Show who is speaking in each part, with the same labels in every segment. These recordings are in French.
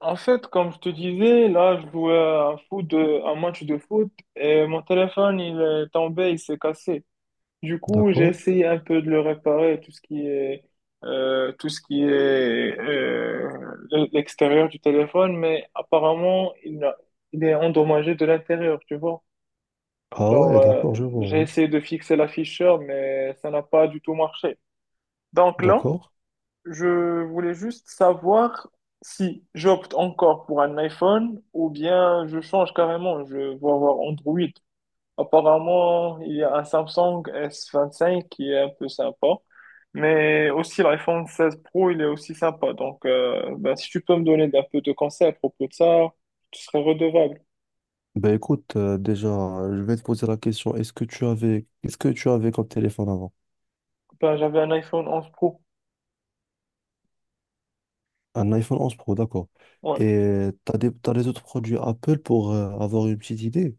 Speaker 1: En fait, comme je te disais, là, je jouais à un match de foot et mon téléphone, il est tombé, il s'est cassé. Du coup, j'ai
Speaker 2: D'accord.
Speaker 1: essayé un peu de le réparer, tout ce qui est l'extérieur du téléphone, mais apparemment, il est endommagé de l'intérieur, tu vois.
Speaker 2: Ah
Speaker 1: Genre,
Speaker 2: ouais, d'accord, je vois.
Speaker 1: j'ai
Speaker 2: Oui.
Speaker 1: essayé de fixer l'afficheur, mais ça n'a pas du tout marché. Donc là,
Speaker 2: D'accord.
Speaker 1: je voulais juste savoir si j'opte encore pour un iPhone ou bien je change carrément, je vais avoir Android. Apparemment, il y a un Samsung S25 qui est un peu sympa, mais aussi l'iPhone 16 Pro, il est aussi sympa. Donc, ben, si tu peux me donner un peu de conseils à propos de ça, tu serais redevable.
Speaker 2: Ben écoute, déjà, je vais te poser la question. Est-ce que tu avais, Qu'est-ce que tu avais comme téléphone avant?
Speaker 1: Ben, j'avais un iPhone 11 Pro,
Speaker 2: Un iPhone 11 Pro, d'accord.
Speaker 1: ouais.
Speaker 2: Et t'as les autres produits Apple pour avoir une petite idée?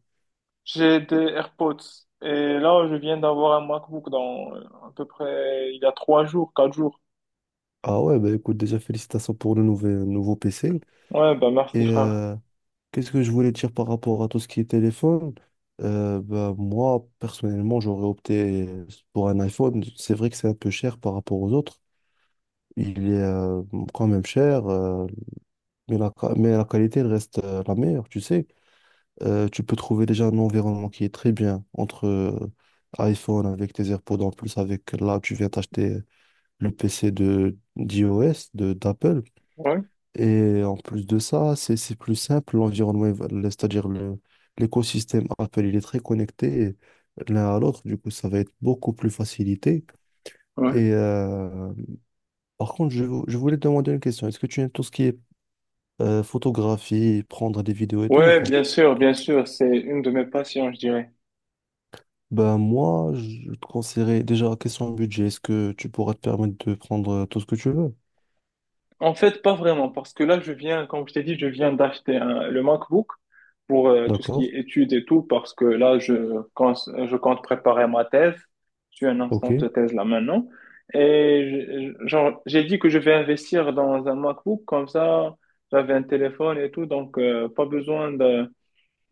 Speaker 1: J'ai des AirPods et là, je viens d'avoir un MacBook dans à peu près il y a 3 jours, 4 jours.
Speaker 2: Ah ouais, ben écoute, déjà, félicitations pour le nouveau PC.
Speaker 1: Ouais, bah merci
Speaker 2: Et
Speaker 1: frère.
Speaker 2: qu'est-ce que je voulais dire par rapport à tout ce qui est téléphone? Ben, moi, personnellement, j'aurais opté pour un iPhone. C'est vrai que c'est un peu cher par rapport aux autres. Il est quand même cher, mais mais la qualité elle reste la meilleure, tu sais. Tu peux trouver déjà un environnement qui est très bien entre iPhone avec tes AirPods en plus, avec là, tu viens t'acheter le PC de d'iOS, de d'Apple.
Speaker 1: Ouais,
Speaker 2: Et en plus de ça, c'est plus simple, l'environnement, c'est-à-dire l'écosystème Apple, il est très connecté l'un à l'autre, du coup, ça va être beaucoup plus facilité.
Speaker 1: ouais.
Speaker 2: Et par contre, je voulais te demander une question. Est-ce que tu aimes tout ce qui est photographier, prendre des vidéos et tout ou
Speaker 1: Ouais,
Speaker 2: pas?
Speaker 1: bien sûr, c'est une de mes passions, je dirais.
Speaker 2: Ben moi, je te conseillerais déjà, question de budget, est-ce que tu pourras te permettre de prendre tout ce que tu veux?
Speaker 1: En fait, pas vraiment, parce que là, je viens, comme je t'ai dit, je viens le MacBook pour tout ce qui
Speaker 2: D'accord?
Speaker 1: est études et tout, parce que je compte préparer ma thèse. Je suis en
Speaker 2: Ok.
Speaker 1: instance de thèse là maintenant. Et genre, j'ai dit que je vais investir dans un MacBook, comme ça, j'avais un téléphone et tout, donc pas besoin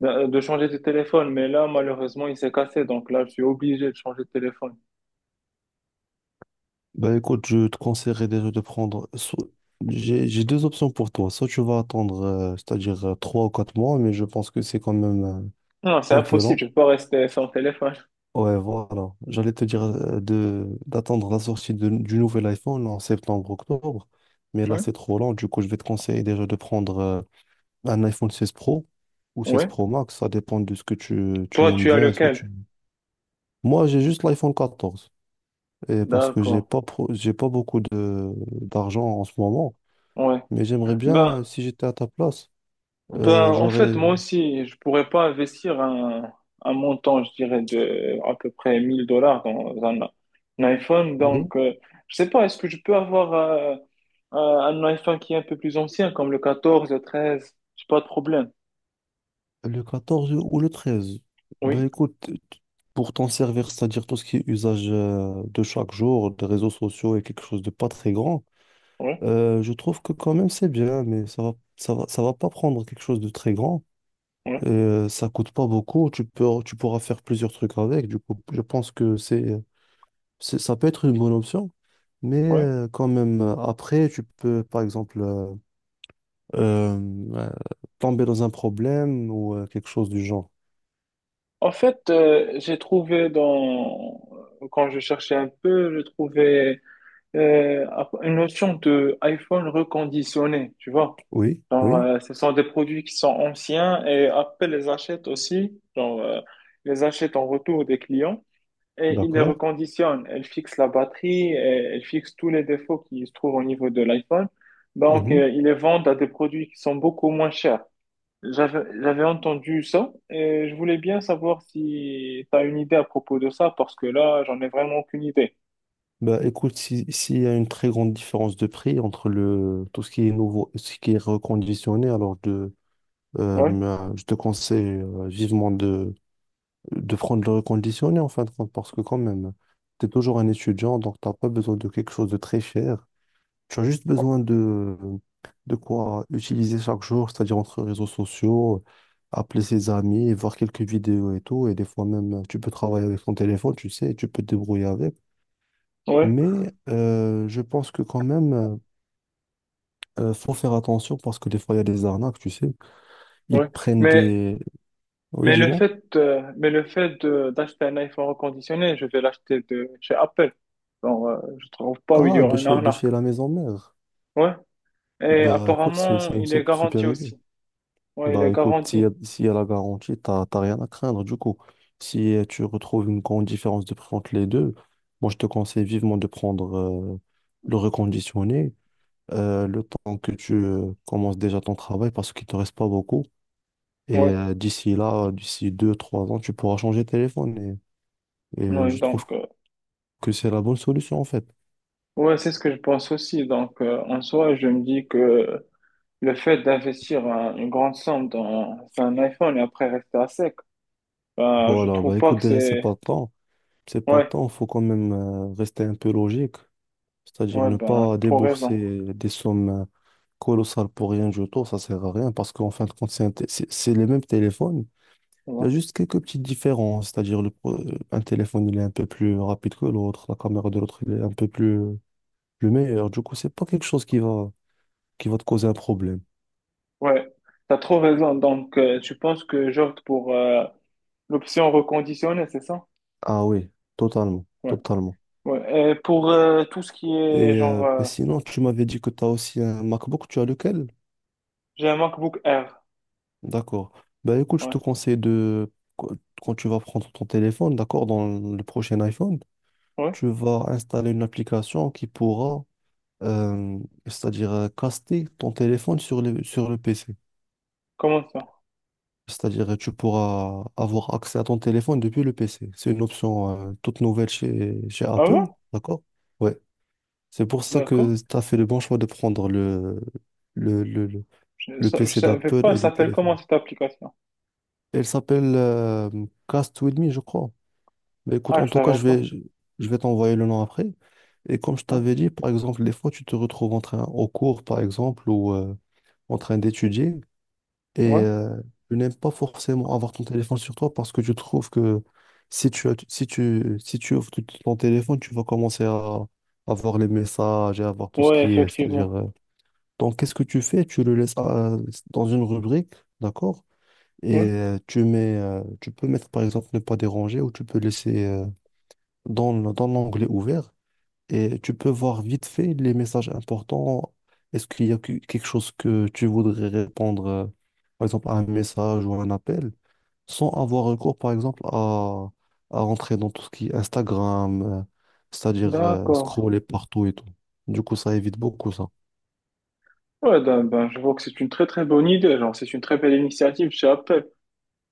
Speaker 1: de changer de téléphone, mais là, malheureusement, il s'est cassé, donc là, je suis obligé de changer de téléphone.
Speaker 2: Ben écoute, je te conseillerais déjà de prendre. J'ai deux options pour toi. Soit tu vas attendre, c'est-à-dire 3 ou 4 mois, mais je pense que c'est quand même
Speaker 1: Non, c'est
Speaker 2: un peu
Speaker 1: impossible,
Speaker 2: lent.
Speaker 1: je peux pas rester sans téléphone.
Speaker 2: Ouais, voilà. J'allais te dire de d'attendre la sortie du nouvel iPhone en septembre-octobre, mais
Speaker 1: Oui,
Speaker 2: là c'est trop lent. Du coup, je vais te conseiller déjà de prendre. Un iPhone 16 Pro ou 16
Speaker 1: oui.
Speaker 2: Pro Max, ça dépend de ce que tu
Speaker 1: Toi,
Speaker 2: aimes
Speaker 1: tu as
Speaker 2: bien est ce que
Speaker 1: lequel?
Speaker 2: tu. Moi, j'ai juste l'iPhone 14. Et parce que
Speaker 1: D'accord,
Speaker 2: j'ai pas beaucoup de d'argent en ce moment.
Speaker 1: ouais.
Speaker 2: Mais j'aimerais
Speaker 1: Ben,
Speaker 2: bien, si j'étais à ta place,
Speaker 1: ben, en fait,
Speaker 2: j'aurais
Speaker 1: moi aussi, je pourrais pas investir un montant, je dirais, de à peu près 1000 dollars dans un iPhone,
Speaker 2: oui,
Speaker 1: donc, je sais pas, est-ce que je peux avoir un iPhone qui est un peu plus ancien, comme le 13? J'ai pas de problème.
Speaker 2: le 14 ou le 13. Ben
Speaker 1: Oui,
Speaker 2: écoute, pour t'en servir, c'est-à-dire tout ce qui est usage de chaque jour, des réseaux sociaux et quelque chose de pas très grand,
Speaker 1: oui,
Speaker 2: je trouve que quand même c'est bien, mais ça va pas prendre quelque chose de très grand.
Speaker 1: oui,
Speaker 2: Et ça coûte pas beaucoup, tu pourras faire plusieurs trucs avec. Du coup, je pense que ça peut être une bonne option. Mais
Speaker 1: oui.
Speaker 2: quand même, après, tu peux, par exemple, euh, euh, tomber dans un problème ou quelque chose du genre.
Speaker 1: En fait, j'ai trouvé dans quand je cherchais un peu, je trouvais euh, une notion de iPhone reconditionné, tu vois.
Speaker 2: Oui,
Speaker 1: Genre,
Speaker 2: oui,
Speaker 1: ce sont des produits qui sont anciens et Apple les achète aussi, les achète en retour des clients et ils les
Speaker 2: d'accord.
Speaker 1: reconditionnent. Elles fixent la batterie, et elles fixent tous les défauts qui se trouvent au niveau de l'iPhone. Donc,
Speaker 2: Mhm.
Speaker 1: ils les vendent à des produits qui sont beaucoup moins chers. J'avais entendu ça et je voulais bien savoir si tu as une idée à propos de ça parce que là, j'en ai vraiment aucune idée.
Speaker 2: Bah, écoute, si, s'il y a une très grande différence de prix entre tout ce qui est nouveau et ce qui est reconditionné,
Speaker 1: Ouais,
Speaker 2: bah, je te conseille vivement de prendre le reconditionné en fin de compte, parce que quand même, tu es toujours un étudiant, donc tu n'as pas besoin de quelque chose de très cher. Tu as juste besoin de quoi utiliser chaque jour, c'est-à-dire entre réseaux sociaux, appeler ses amis, voir quelques vidéos et tout. Et des fois même, tu peux travailler avec ton téléphone, tu sais, tu peux te débrouiller avec.
Speaker 1: ouais,
Speaker 2: Mais je pense que quand même, faut faire attention parce que des fois, il y a des arnaques, tu sais. Ils
Speaker 1: ouais.
Speaker 2: prennent
Speaker 1: Mais,
Speaker 2: des. Oui,
Speaker 1: mais
Speaker 2: dis-moi.
Speaker 1: mais d'acheter un iPhone reconditionné, je vais l'acheter de chez Apple. Bon, je trouve pas où il y
Speaker 2: Ah,
Speaker 1: aura une
Speaker 2: de
Speaker 1: arnaque.
Speaker 2: chez la maison mère.
Speaker 1: Ouais. Et
Speaker 2: Bah écoute, c'est
Speaker 1: apparemment,
Speaker 2: une
Speaker 1: il est
Speaker 2: super
Speaker 1: garanti
Speaker 2: idée.
Speaker 1: aussi. Ouais, il
Speaker 2: Bah
Speaker 1: est
Speaker 2: écoute,
Speaker 1: garanti.
Speaker 2: s'il y a la garantie, t'as rien à craindre. Du coup, si tu retrouves une grande différence de prix entre les deux, moi je te conseille vivement de prendre le reconditionné le temps que tu commences déjà ton travail parce qu'il te reste pas beaucoup. Et
Speaker 1: Ouais,
Speaker 2: d'ici là, d'ici 2, 3 ans, tu pourras changer de téléphone. Et
Speaker 1: ouais.
Speaker 2: je trouve
Speaker 1: Donc,
Speaker 2: que c'est la bonne solution en fait.
Speaker 1: ouais, c'est ce que je pense aussi. Donc, en soi, je me dis que le fait d'investir une grande somme dans sur un iPhone et après rester à sec, ben, je
Speaker 2: Voilà,
Speaker 1: trouve
Speaker 2: bah
Speaker 1: pas
Speaker 2: écoute,
Speaker 1: que
Speaker 2: déjà c'est
Speaker 1: c'est...
Speaker 2: pas le temps. C'est pas le
Speaker 1: Ouais,
Speaker 2: temps, faut quand même rester un peu logique. C'est-à-dire
Speaker 1: ouais,
Speaker 2: ne
Speaker 1: ben,
Speaker 2: pas
Speaker 1: trop raison.
Speaker 2: débourser des sommes colossales pour rien du tout, ça sert à rien parce qu'en fin de compte, c'est un té- c'est les mêmes téléphones. Il y a
Speaker 1: Ouais,
Speaker 2: juste quelques petites différences, c'est-à-dire un téléphone il est un peu plus rapide que l'autre, la caméra de l'autre il est un peu plus, plus meilleure. Du coup, c'est pas quelque chose qui va te causer un problème.
Speaker 1: ouais, t'as trop raison. Donc, tu penses que j'opte pour l'option reconditionnée, c'est ça?
Speaker 2: Ah oui, totalement,
Speaker 1: Ouais,
Speaker 2: totalement.
Speaker 1: ouais. Et pour tout ce qui est,
Speaker 2: Et
Speaker 1: genre,
Speaker 2: bah, sinon, tu m'avais dit que tu as aussi un MacBook, tu as lequel?
Speaker 1: j'ai un MacBook Air.
Speaker 2: D'accord. Bah écoute, je
Speaker 1: Ouais,
Speaker 2: te conseille de, quand tu vas prendre ton téléphone, d'accord, dans le prochain iPhone,
Speaker 1: ouais,
Speaker 2: tu vas installer une application qui pourra, euh, c'est-à-dire caster ton téléphone sur sur le PC.
Speaker 1: comment ça?
Speaker 2: C'est-à-dire tu pourras avoir accès à ton téléphone depuis le PC. C'est une option toute nouvelle chez
Speaker 1: Ah
Speaker 2: Apple,
Speaker 1: ouais?
Speaker 2: d'accord? Ouais. C'est pour ça
Speaker 1: D'accord.
Speaker 2: que tu as fait le bon choix de prendre le, le, le- le
Speaker 1: Je
Speaker 2: PC
Speaker 1: savais pas,
Speaker 2: d'Apple
Speaker 1: elle
Speaker 2: et le
Speaker 1: s'appelle comment
Speaker 2: téléphone.
Speaker 1: cette application?
Speaker 2: Elle s'appelle Cast With Me, je crois. Mais écoute,
Speaker 1: Ah,
Speaker 2: en
Speaker 1: je
Speaker 2: tout cas,
Speaker 1: savais
Speaker 2: je vais,
Speaker 1: pas.
Speaker 2: je je vais t'envoyer le nom après. Et comme je
Speaker 1: Ouais,
Speaker 2: t'avais dit, par exemple, des fois, tu te retrouves en train, au cours, par exemple, ou en train d'étudier, et
Speaker 1: ouais,
Speaker 2: tu n'aimes pas forcément avoir ton téléphone sur toi parce que tu trouves que si tu ouvres ton téléphone, tu vas commencer à avoir les messages et avoir tout ce
Speaker 1: ouais,
Speaker 2: qui est, c'est-à-dire...
Speaker 1: effectivement.
Speaker 2: euh, donc, qu'est-ce que tu fais? Tu le laisses dans une rubrique, d'accord?
Speaker 1: Ouais,
Speaker 2: Et tu peux mettre, par exemple, ne pas déranger ou tu peux laisser, dans l'onglet ouvert et tu peux voir vite fait les messages importants. Est-ce qu'il y a quelque chose que tu voudrais répondre, par exemple, à un message ou un appel, sans avoir recours, par exemple, à rentrer dans tout ce qui est Instagram, c'est-à-dire
Speaker 1: d'accord.
Speaker 2: scroller partout et tout. Du coup, ça évite beaucoup ça.
Speaker 1: Ouais, ben, ben, je vois que c'est une très très bonne idée, genre c'est une très belle initiative chez Apple.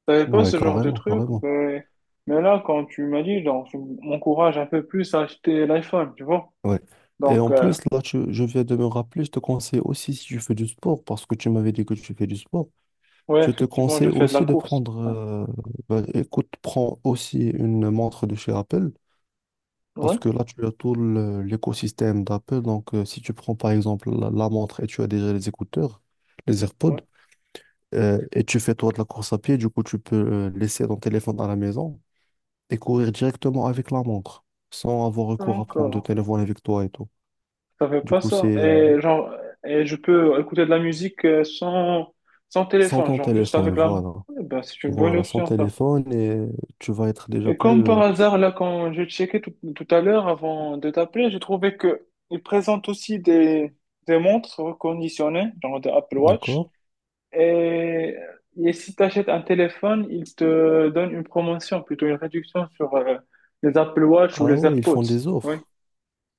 Speaker 1: T'avais pas
Speaker 2: Ouais,
Speaker 1: ce genre de
Speaker 2: carrément,
Speaker 1: truc,
Speaker 2: carrément.
Speaker 1: ben, mais là quand tu m'as dit, genre tu m'encourages un peu plus à acheter l'iPhone, tu vois.
Speaker 2: Ouais. Et
Speaker 1: Donc
Speaker 2: en plus, là, je viens de me rappeler, je te conseille aussi si tu fais du sport, parce que tu m'avais dit que tu fais du sport.
Speaker 1: ouais,
Speaker 2: Je te
Speaker 1: effectivement,
Speaker 2: conseille
Speaker 1: je fais de la
Speaker 2: aussi
Speaker 1: course. Enfin,
Speaker 2: bah, écoute, prends aussi une montre de chez Apple, parce
Speaker 1: ouais,
Speaker 2: que là, tu as tout l'écosystème d'Apple. Donc, si tu prends par exemple la montre et tu as déjà les écouteurs, les AirPods,
Speaker 1: ouais.
Speaker 2: et tu fais toi de la course à pied, du coup, tu peux laisser ton téléphone à la maison et courir directement avec la montre, sans avoir recours à prendre de
Speaker 1: D'accord.
Speaker 2: téléphone avec toi et tout.
Speaker 1: Je savais
Speaker 2: Du
Speaker 1: pas
Speaker 2: coup, c'est
Speaker 1: ça. Et genre et je peux écouter de la musique sans
Speaker 2: sans
Speaker 1: téléphone,
Speaker 2: ton
Speaker 1: genre juste
Speaker 2: téléphone,
Speaker 1: avec la main.
Speaker 2: voilà.
Speaker 1: Ouais, ben c'est une bonne
Speaker 2: Voilà, sans
Speaker 1: option ça.
Speaker 2: téléphone, et tu vas être déjà
Speaker 1: Et
Speaker 2: plus,
Speaker 1: comme par hasard, là, quand je checkais tout, tout à l'heure avant de t'appeler, j'ai trouvé que ils présentent aussi des montres reconditionnées, genre des Apple Watch.
Speaker 2: d'accord?
Speaker 1: Et, et si tu achètes un téléphone, ils te donnent une promotion, plutôt une réduction sur les Apple Watch ou
Speaker 2: Ah
Speaker 1: les
Speaker 2: ouais, ils
Speaker 1: AirPods.
Speaker 2: font des
Speaker 1: Oui.
Speaker 2: offres.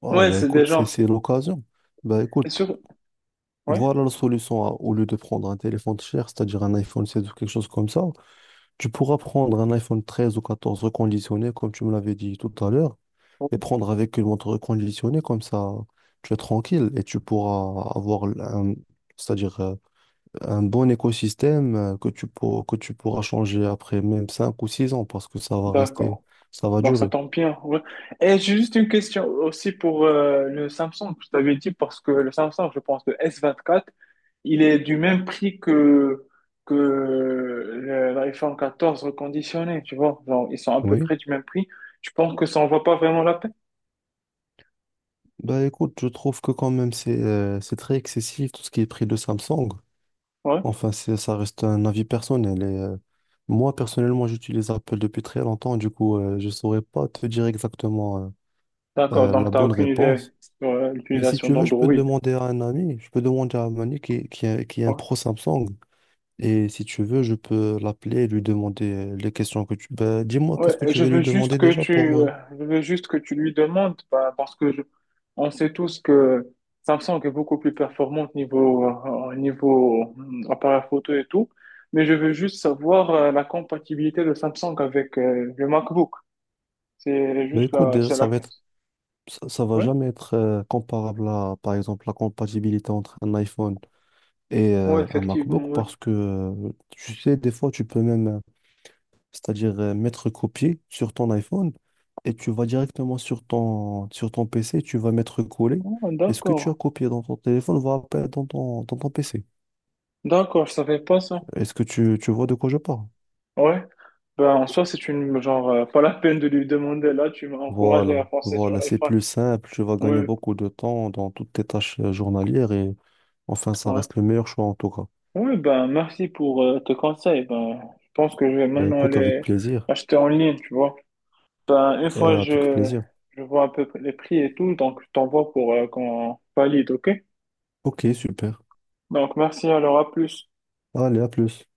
Speaker 2: Ah
Speaker 1: Ouais,
Speaker 2: bah
Speaker 1: c'est des
Speaker 2: écoute, c'est
Speaker 1: gens.
Speaker 2: c'est l'occasion. Bah écoute,
Speaker 1: Sur... Ouais.
Speaker 2: voilà la solution. Au lieu de prendre un téléphone cher, c'est-à-dire un iPhone 16 ou quelque chose comme ça, tu pourras prendre un iPhone 13 ou 14 reconditionné, comme tu me l'avais dit tout à l'heure, et
Speaker 1: Ouais.
Speaker 2: prendre avec une montre reconditionnée, comme ça tu es tranquille et tu pourras avoir c'est-à-dire un bon écosystème que que tu pourras changer après même 5 ou 6 ans, parce que ça va rester,
Speaker 1: D'accord.
Speaker 2: ça va
Speaker 1: Bon, ça
Speaker 2: durer.
Speaker 1: tombe bien. Ouais. Et j'ai juste une question aussi pour le Samsung. Je t'avais dit parce que le Samsung, je pense, le S24, il est du même prix que, l'iPhone 14 reconditionné, tu vois. Genre, ils sont à peu
Speaker 2: Oui.
Speaker 1: près du même prix. Je pense que ça en vaut pas vraiment la peine.
Speaker 2: Bah écoute, je trouve que quand même c'est très excessif tout ce qui est prix de Samsung.
Speaker 1: Ouais.
Speaker 2: Enfin, ça reste un avis personnel. Moi, personnellement, j'utilise Apple depuis très longtemps. Du coup, je saurais pas te dire exactement
Speaker 1: D'accord, donc
Speaker 2: la
Speaker 1: t'as
Speaker 2: bonne
Speaker 1: aucune idée
Speaker 2: réponse.
Speaker 1: sur
Speaker 2: Mais si
Speaker 1: l'utilisation
Speaker 2: tu veux, je peux
Speaker 1: d'Android.
Speaker 2: demander à un ami. Je peux demander à un ami qui est un
Speaker 1: Ouais.
Speaker 2: pro Samsung. Et si tu veux, je peux l'appeler et lui demander les questions que tu. Bah, dis-moi,
Speaker 1: Ouais,
Speaker 2: qu'est-ce que tu veux lui demander déjà pour... euh,
Speaker 1: je veux juste que tu lui demandes, bah, on sait tous que Samsung est beaucoup plus performante niveau, appareil photo et tout, mais je veux juste savoir la compatibilité de Samsung avec le MacBook.
Speaker 2: Bah écoute, déjà,
Speaker 1: C'est la,
Speaker 2: ça va
Speaker 1: ouais,
Speaker 2: jamais être comparable à, par exemple, la compatibilité entre un iPhone et
Speaker 1: ouais,
Speaker 2: un
Speaker 1: effectivement,
Speaker 2: MacBook
Speaker 1: ouais.
Speaker 2: parce que, tu sais, des fois, tu peux même, c'est-à-dire mettre copier sur ton iPhone et tu vas directement sur ton PC, tu vas mettre coller.
Speaker 1: Oh,
Speaker 2: Et ce que tu as
Speaker 1: d'accord,
Speaker 2: copié dans ton téléphone va apparaître dans ton PC.
Speaker 1: d'accord, je savais pas ça.
Speaker 2: Est-ce que tu vois de quoi je parle?
Speaker 1: Ouais, ben en soi c'est une genre pas la peine de lui demander là, tu m'as encouragé à
Speaker 2: Voilà,
Speaker 1: penser sur
Speaker 2: voilà, c'est
Speaker 1: l'iPhone.
Speaker 2: plus simple, tu vas gagner
Speaker 1: Ouais,
Speaker 2: beaucoup de temps dans toutes tes tâches journalières et enfin, ça
Speaker 1: ouais.
Speaker 2: reste le meilleur choix en tout cas.
Speaker 1: Oui, ben, merci pour tes conseils. Ben, je pense que je vais
Speaker 2: Ben
Speaker 1: maintenant
Speaker 2: écoute, avec
Speaker 1: aller
Speaker 2: plaisir.
Speaker 1: acheter en ligne, tu vois. Ben,
Speaker 2: Et avec plaisir.
Speaker 1: je vois un peu les prix et tout, donc je t'envoie pour qu'on valide, ok?
Speaker 2: Ok, super.
Speaker 1: Donc, merci, alors à plus.
Speaker 2: Allez, à plus.